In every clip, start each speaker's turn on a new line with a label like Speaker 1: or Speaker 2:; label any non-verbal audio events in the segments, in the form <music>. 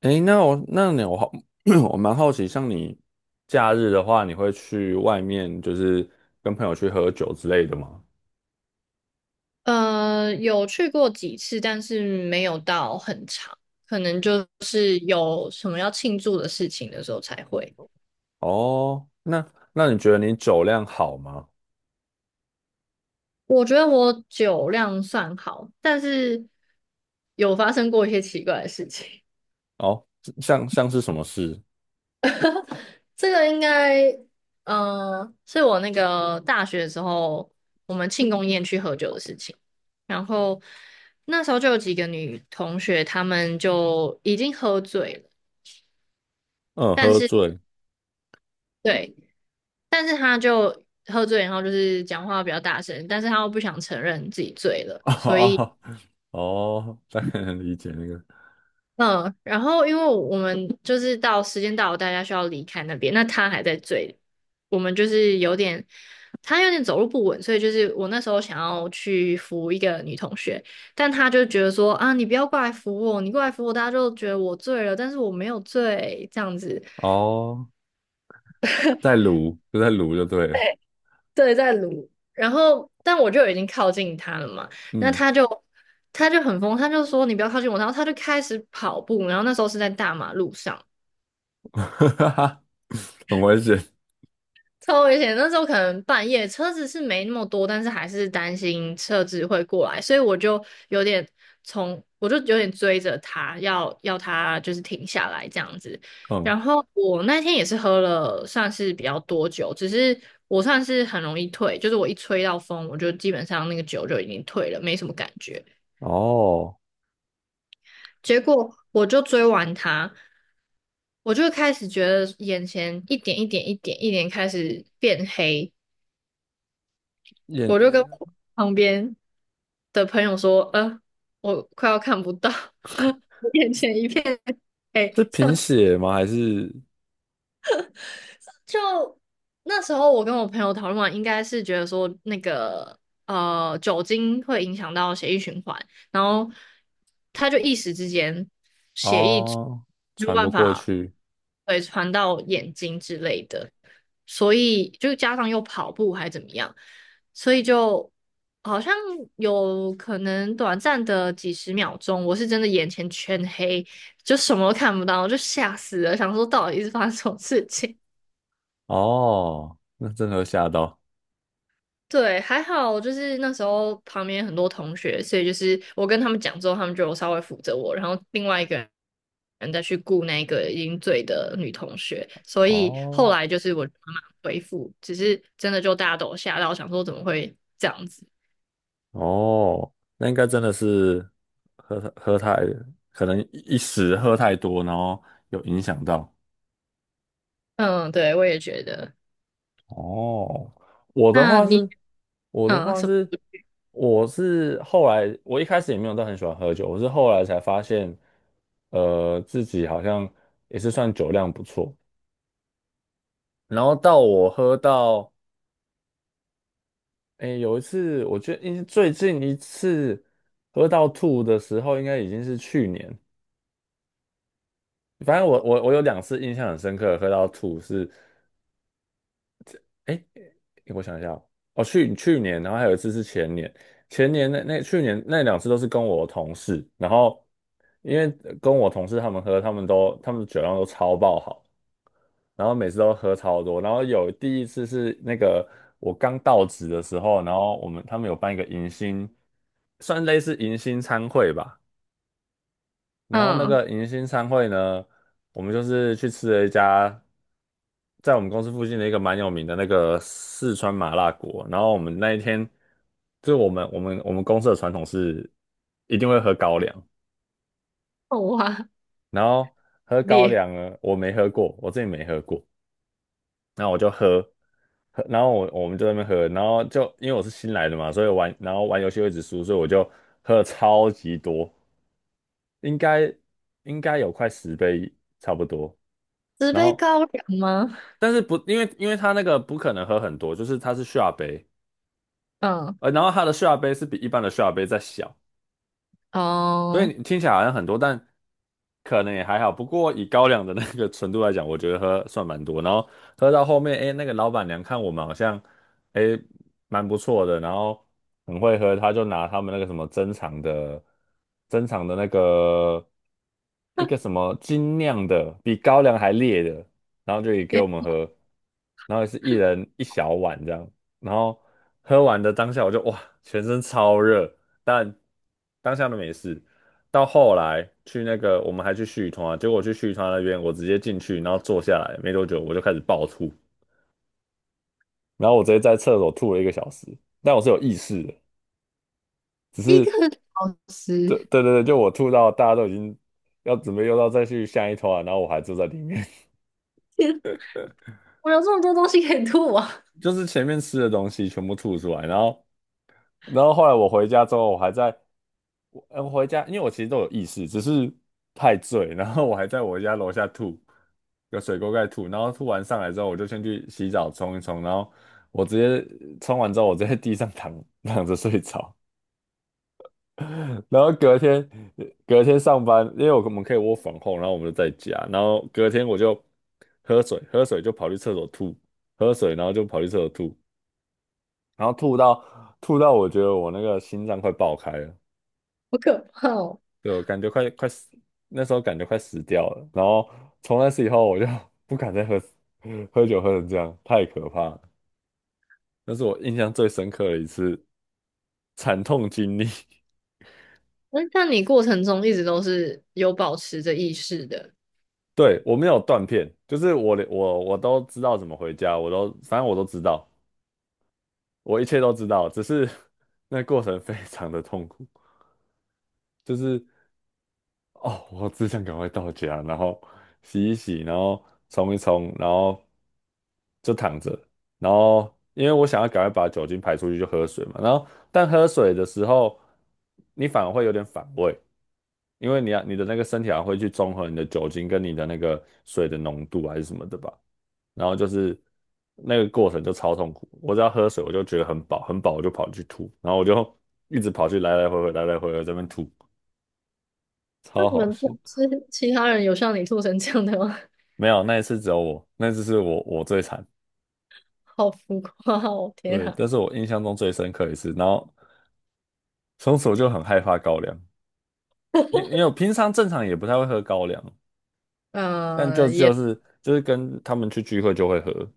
Speaker 1: 诶，那我那你我好，<clears throat> 我蛮好奇，像你假日的话，你会去外面就是跟朋友去喝酒之类的吗？
Speaker 2: 有去过几次，但是没有到很长，可能就是有什么要庆祝的事情的时候才会。
Speaker 1: 哦，那你觉得你酒量好吗？
Speaker 2: 我觉得我酒量算好，但是有发生过一些奇怪的事情。<laughs>
Speaker 1: 哦，像是什么事？
Speaker 2: 这个应该，是我那个大学的时候，我们庆功宴去喝酒的事情。然后那时候就有几个女同学，她们就已经喝醉了，
Speaker 1: 嗯，
Speaker 2: 但
Speaker 1: 喝
Speaker 2: 是
Speaker 1: 醉。
Speaker 2: 对，但是他就喝醉，然后就是讲话比较大声，但是他又不想承认自己醉
Speaker 1: <laughs>
Speaker 2: 了，所以
Speaker 1: 哦哦,大概能理解那个。
Speaker 2: 嗯，然后因为我们就是到时间到了，大家需要离开那边，那他还在醉，我们就是有点他有点走路不稳，所以就是我那时候想要去扶一个女同学，但他就觉得说啊，你不要过来扶我，你过来扶我，大家就觉得我醉了，但是我没有醉这样子，
Speaker 1: 哦，在撸就在撸就对了。
Speaker 2: 对，在撸。然后，但我就已经靠近他了嘛，那
Speaker 1: 嗯，
Speaker 2: 他就他就很疯，他就说你不要靠近我，然后他就开始跑步，然后那时候是在大马路上，
Speaker 1: <laughs> 很危险。
Speaker 2: 超危险！那时候可能半夜车子是没那么多，但是还是担心车子会过来，所以我就有点从我就有点追着他，要他就是停下来这样子。
Speaker 1: 嗯，
Speaker 2: 然后我那天也是喝了算是比较多酒，只是我算是很容易退，就是我一吹到风，我就基本上那个酒就已经退了，没什么感觉。
Speaker 1: 哦，
Speaker 2: 结果我就追完他，我就开始觉得眼前一点一点一点一点开始变黑，我就跟
Speaker 1: 眼
Speaker 2: 我旁边的朋友说，我快要看不到，<laughs> 我眼前一片黑，
Speaker 1: 是
Speaker 2: 这
Speaker 1: 贫
Speaker 2: 样子。
Speaker 1: 血吗？还是？
Speaker 2: 就那时候我跟我朋友讨论完，应该是觉得说那个酒精会影响到血液循环，然后他就一时之间血液
Speaker 1: 哦，
Speaker 2: 没有
Speaker 1: 传不
Speaker 2: 办
Speaker 1: 过
Speaker 2: 法
Speaker 1: 去，
Speaker 2: 对传到眼睛之类的，所以就加上又跑步还怎么样，所以就好像有可能短暂的几十秒钟，我是真的眼前全黑，就什么都看不到，我就吓死了，想说到底是发生什么事情。
Speaker 1: 哦，那真的会吓到，
Speaker 2: 对，还好，就是那时候旁边很多同学，所以就是我跟他们讲之后，他们就有稍微扶着我，然后另外一个人再去顾那个已经醉的女同学，所以后
Speaker 1: 哦
Speaker 2: 来就是我慢慢恢复，只是真的就大家都有吓到，想说怎么会这样子？
Speaker 1: 哦，那应该真的是喝喝太，可能一时喝太多，然后有影响到。
Speaker 2: 嗯，对，我也觉得。
Speaker 1: 哦，我的
Speaker 2: 那
Speaker 1: 话
Speaker 2: 你
Speaker 1: 是，我的
Speaker 2: 嗯
Speaker 1: 话
Speaker 2: 什么
Speaker 1: 是，我是后来，我一开始也没有到很喜欢喝酒，我是后来才发现，自己好像也是算酒量不错。然后到我喝到诶，有一次，我觉得最近一次喝到吐的时候，应该已经是去年。反正我有两次印象很深刻，喝到吐是，诶，我想一下哦，哦，去年，然后还有一次是前年，那去年那两次都是跟我同事，然后因为跟我同事他们喝，他们酒量都超爆好，然后每次都喝超多。然后有第一次是那个我刚到职的时候，然后我们他们有办一个迎新，算类似迎新餐会吧。然后那
Speaker 2: 嗯
Speaker 1: 个迎新餐会呢，我们就是去吃了一家在我们公司附近的一个蛮有名的那个四川麻辣锅。然后我们那一天，就我们公司的传统是一定会喝高粱，
Speaker 2: 哇
Speaker 1: 然后喝高
Speaker 2: 裂
Speaker 1: 粱呢，我没喝过，我自己没喝过。然后我就喝，喝然后我们就在那边喝，然后就因为我是新来的嘛，所以玩然后玩游戏会一直输，所以我就喝了超级多，应该应该有快10杯差不多。
Speaker 2: 纸
Speaker 1: 然
Speaker 2: 杯
Speaker 1: 后
Speaker 2: 高粱吗？
Speaker 1: 但是不因为他那个不可能喝很多，就是它是下杯，
Speaker 2: 嗯
Speaker 1: 然后它的下杯是比一般的下杯再小，所以
Speaker 2: 哦，
Speaker 1: 你听起来好像很多，但可能也还好。不过以高粱的那个纯度来讲，我觉得喝算蛮多。然后喝到后面，哎，那个老板娘看我们好像，哎，蛮不错的，然后很会喝，他就拿他们那个什么珍藏的那个一个什么精酿的，比高粱还烈的，然后就也给我们喝，然后也是一人一小碗这样。然后喝完的当下，我就哇，全身超热，但当下都没事。到后来去那个，我们还去续团啊，结果去续团那边，我直接进去，然后坐下来没多久，我就开始暴吐，然后我直接在厕所吐了1个小时，但我是有意识的，只
Speaker 2: 一个
Speaker 1: 是
Speaker 2: 小
Speaker 1: 对
Speaker 2: 时，
Speaker 1: 对对
Speaker 2: <laughs>
Speaker 1: 对，就我吐到大家都已经要准备再去下一团，然后我还坐在里面，
Speaker 2: 天我有这么多东西可以吐啊！
Speaker 1: <laughs> 就是前面吃的东西全部吐出来，然后后来我回家之后，我回家，因为我其实都有意识，只是太醉，然后我还在我家楼下吐，有水沟盖吐，然后吐完上来之后，我就先去洗澡冲一冲，然后我直接冲完之后，我直接在地上躺着睡着，<laughs> 然后隔天上班，因为我们可以窝房 r 然后我们就在家，然后隔天我就喝水，喝水就跑去厕所吐，喝水然后就跑去厕所吐，然后吐到我觉得我那个心脏快爆开了。
Speaker 2: 好可怕哦！
Speaker 1: 对，我感觉快死，那时候感觉快死掉了。然后从那次以后，我就 <laughs> 不敢再喝酒喝成这样，太可怕了。那是我印象最深刻的一次惨痛经历。<laughs>
Speaker 2: 那像你过程中一直都是有保持着意识的，
Speaker 1: 对，我没有断片，就是我连我都知道怎么回家，反正我都知道，我一切都知道，只是 <laughs> 那过程非常的痛苦，就是哦，我只想赶快到家，然后洗一洗，然后冲一冲，然后就躺着，然后因为我想要赶快把酒精排出去，就喝水嘛。然后但喝水的时候，你反而会有点反胃，因为你要你的那个身体还会去中和你的酒精跟你的那个水的浓度还是什么的吧。然后就是那个过程就超痛苦，我只要喝水我就觉得很饱，很饱我就跑去吐，然后我就一直跑去来来回回来来回回在那边吐，
Speaker 2: 那
Speaker 1: 超
Speaker 2: 你
Speaker 1: 好
Speaker 2: 们
Speaker 1: 笑。
Speaker 2: 公司其他人有像你吐成这样的吗？<laughs>
Speaker 1: 没有，那一次只有我，那一次是我最惨。
Speaker 2: 好浮夸哦！天
Speaker 1: 对，
Speaker 2: 啊，
Speaker 1: 但是我印象中最深刻一次，然后从此我就很害怕高粱，因为我平常正常也不太会喝高粱，但就就
Speaker 2: 也
Speaker 1: 是就是跟他们去聚会就会喝，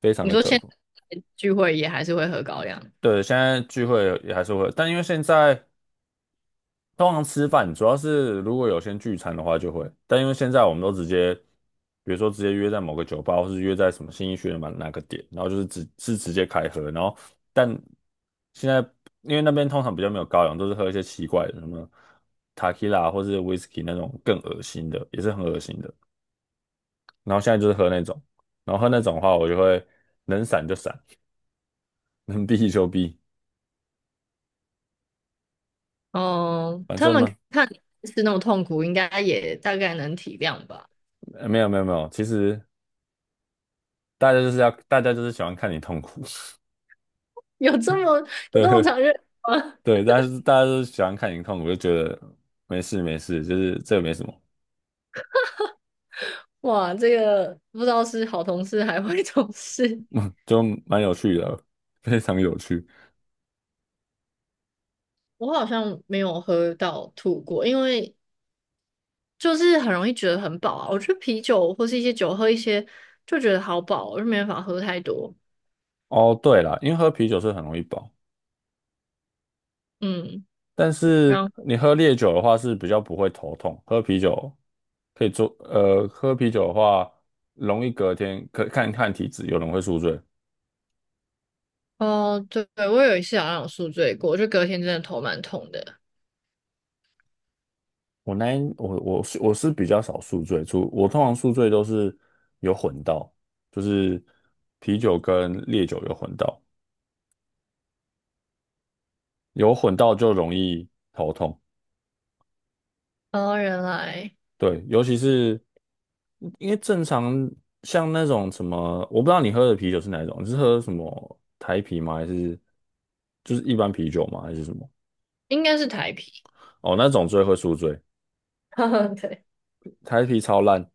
Speaker 1: 非常
Speaker 2: 你
Speaker 1: 的
Speaker 2: 说
Speaker 1: 可
Speaker 2: 现
Speaker 1: 怕。
Speaker 2: 在聚会也还是会喝高粱，
Speaker 1: 对，现在聚会也还是会，但因为现在通常吃饭主要是如果有先聚餐的话就会，但因为现在我们都直接，比如说直接约在某个酒吧，或是约在什么新义区的嘛哪个点，然后就是直接开喝，然后但现在因为那边通常比较没有高粱，都是喝一些奇怪的什么塔 e 拉或是 whisky 那种更恶心的，也是很恶心的。然后现在就是喝那种，然后喝那种的话，我就会能闪就闪，<laughs> 能避就避，
Speaker 2: 哦，
Speaker 1: 反
Speaker 2: 他
Speaker 1: 正
Speaker 2: 们
Speaker 1: 嘛，
Speaker 2: 看你是那么痛苦，应该也大概能体谅吧。
Speaker 1: 没有没有没有，其实大家就是喜欢看你痛苦，
Speaker 2: 有这么有
Speaker 1: <laughs>
Speaker 2: 这么
Speaker 1: 对。
Speaker 2: 残忍吗？
Speaker 1: 对，但是大家都喜欢看你痛我就觉得没事没事，就是这个没什么，
Speaker 2: <laughs> 哇，这个不知道是好同事还坏同事，
Speaker 1: <laughs> 就蛮有趣的，<laughs> 非常有趣。
Speaker 2: <laughs> 我好像没有喝到吐过，因为就是很容易觉得很饱啊。我觉得啤酒或是一些酒喝一些就觉得好饱，我就没办法喝太多。
Speaker 1: 哦，对了，因为喝啤酒是很容易饱，
Speaker 2: 嗯，
Speaker 1: 但是
Speaker 2: 然
Speaker 1: 你喝烈酒的话是比较不会头痛，喝啤酒可以做，喝啤酒的话容易隔天可看看体质，有人会宿醉。
Speaker 2: 后对，对我有一次好像有宿醉过，就隔天真的头蛮痛的。
Speaker 1: 我那一我我是我是比较少宿醉，我通常宿醉都是有混到，就是啤酒跟烈酒有混到。有混到就容易头痛，
Speaker 2: 哦，原来
Speaker 1: 对，尤其是因为正常像那种什么，我不知道你喝的啤酒是哪一种，你是喝什么台啤吗？还是就是一般啤酒吗？还是什么？
Speaker 2: 应该是台啤。
Speaker 1: 哦，那种最会宿醉，
Speaker 2: <laughs> 对。
Speaker 1: 台啤超烂，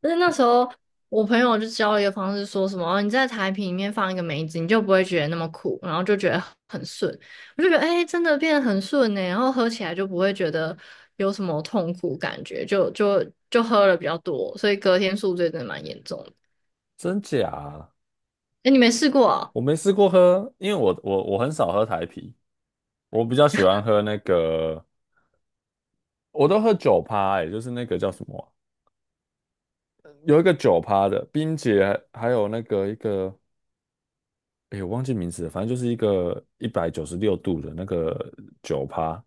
Speaker 2: 但是那时候我朋友就教了一个方式，说什么哦你在台啤里面放一个梅子，你就不会觉得那么苦，然后就觉得很顺。我就觉得哎、真的变得很顺呢、然后喝起来就不会觉得有什么痛苦感觉，就就喝了比较多，所以隔天宿醉真的蛮严重的。
Speaker 1: 真假啊？
Speaker 2: 哎、你没试过啊？
Speaker 1: 我没试过喝，因为我很少喝台啤，我比较喜欢喝那个，我都喝酒趴，哎，就是那个叫什么啊有一个酒趴的冰姐，还有那个一个。哎，我忘记名字了，反正就是一个196度的那个酒趴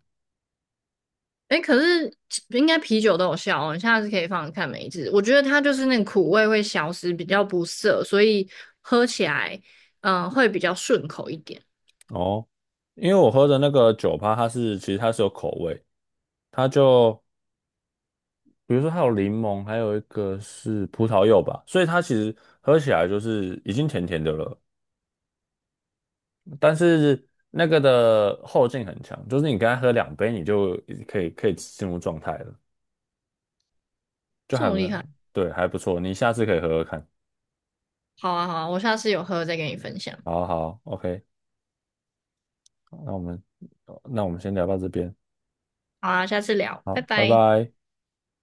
Speaker 2: 哎、可是应该啤酒都有效哦，你下次可以放着看梅子。我觉得它就是那个苦味会消失，比较不涩，所以喝起来会比较顺口一点。
Speaker 1: 哦。因为我喝的那个酒趴，它是其实它是有口味，它就比如说它有柠檬，还有一个是葡萄柚吧，所以它其实喝起来就是已经甜甜的了，但是那个的后劲很强，就是你刚它喝2杯，你就可以进入状态了，就
Speaker 2: 这
Speaker 1: 还
Speaker 2: 么厉害。
Speaker 1: 对，还不错，你下次可以喝喝看。
Speaker 2: 好啊，好啊，我下次有喝再跟你分享。
Speaker 1: 好好，OK，那我们那我们先聊到这边，
Speaker 2: 好啊，下次聊，拜
Speaker 1: 好，拜
Speaker 2: 拜。
Speaker 1: 拜。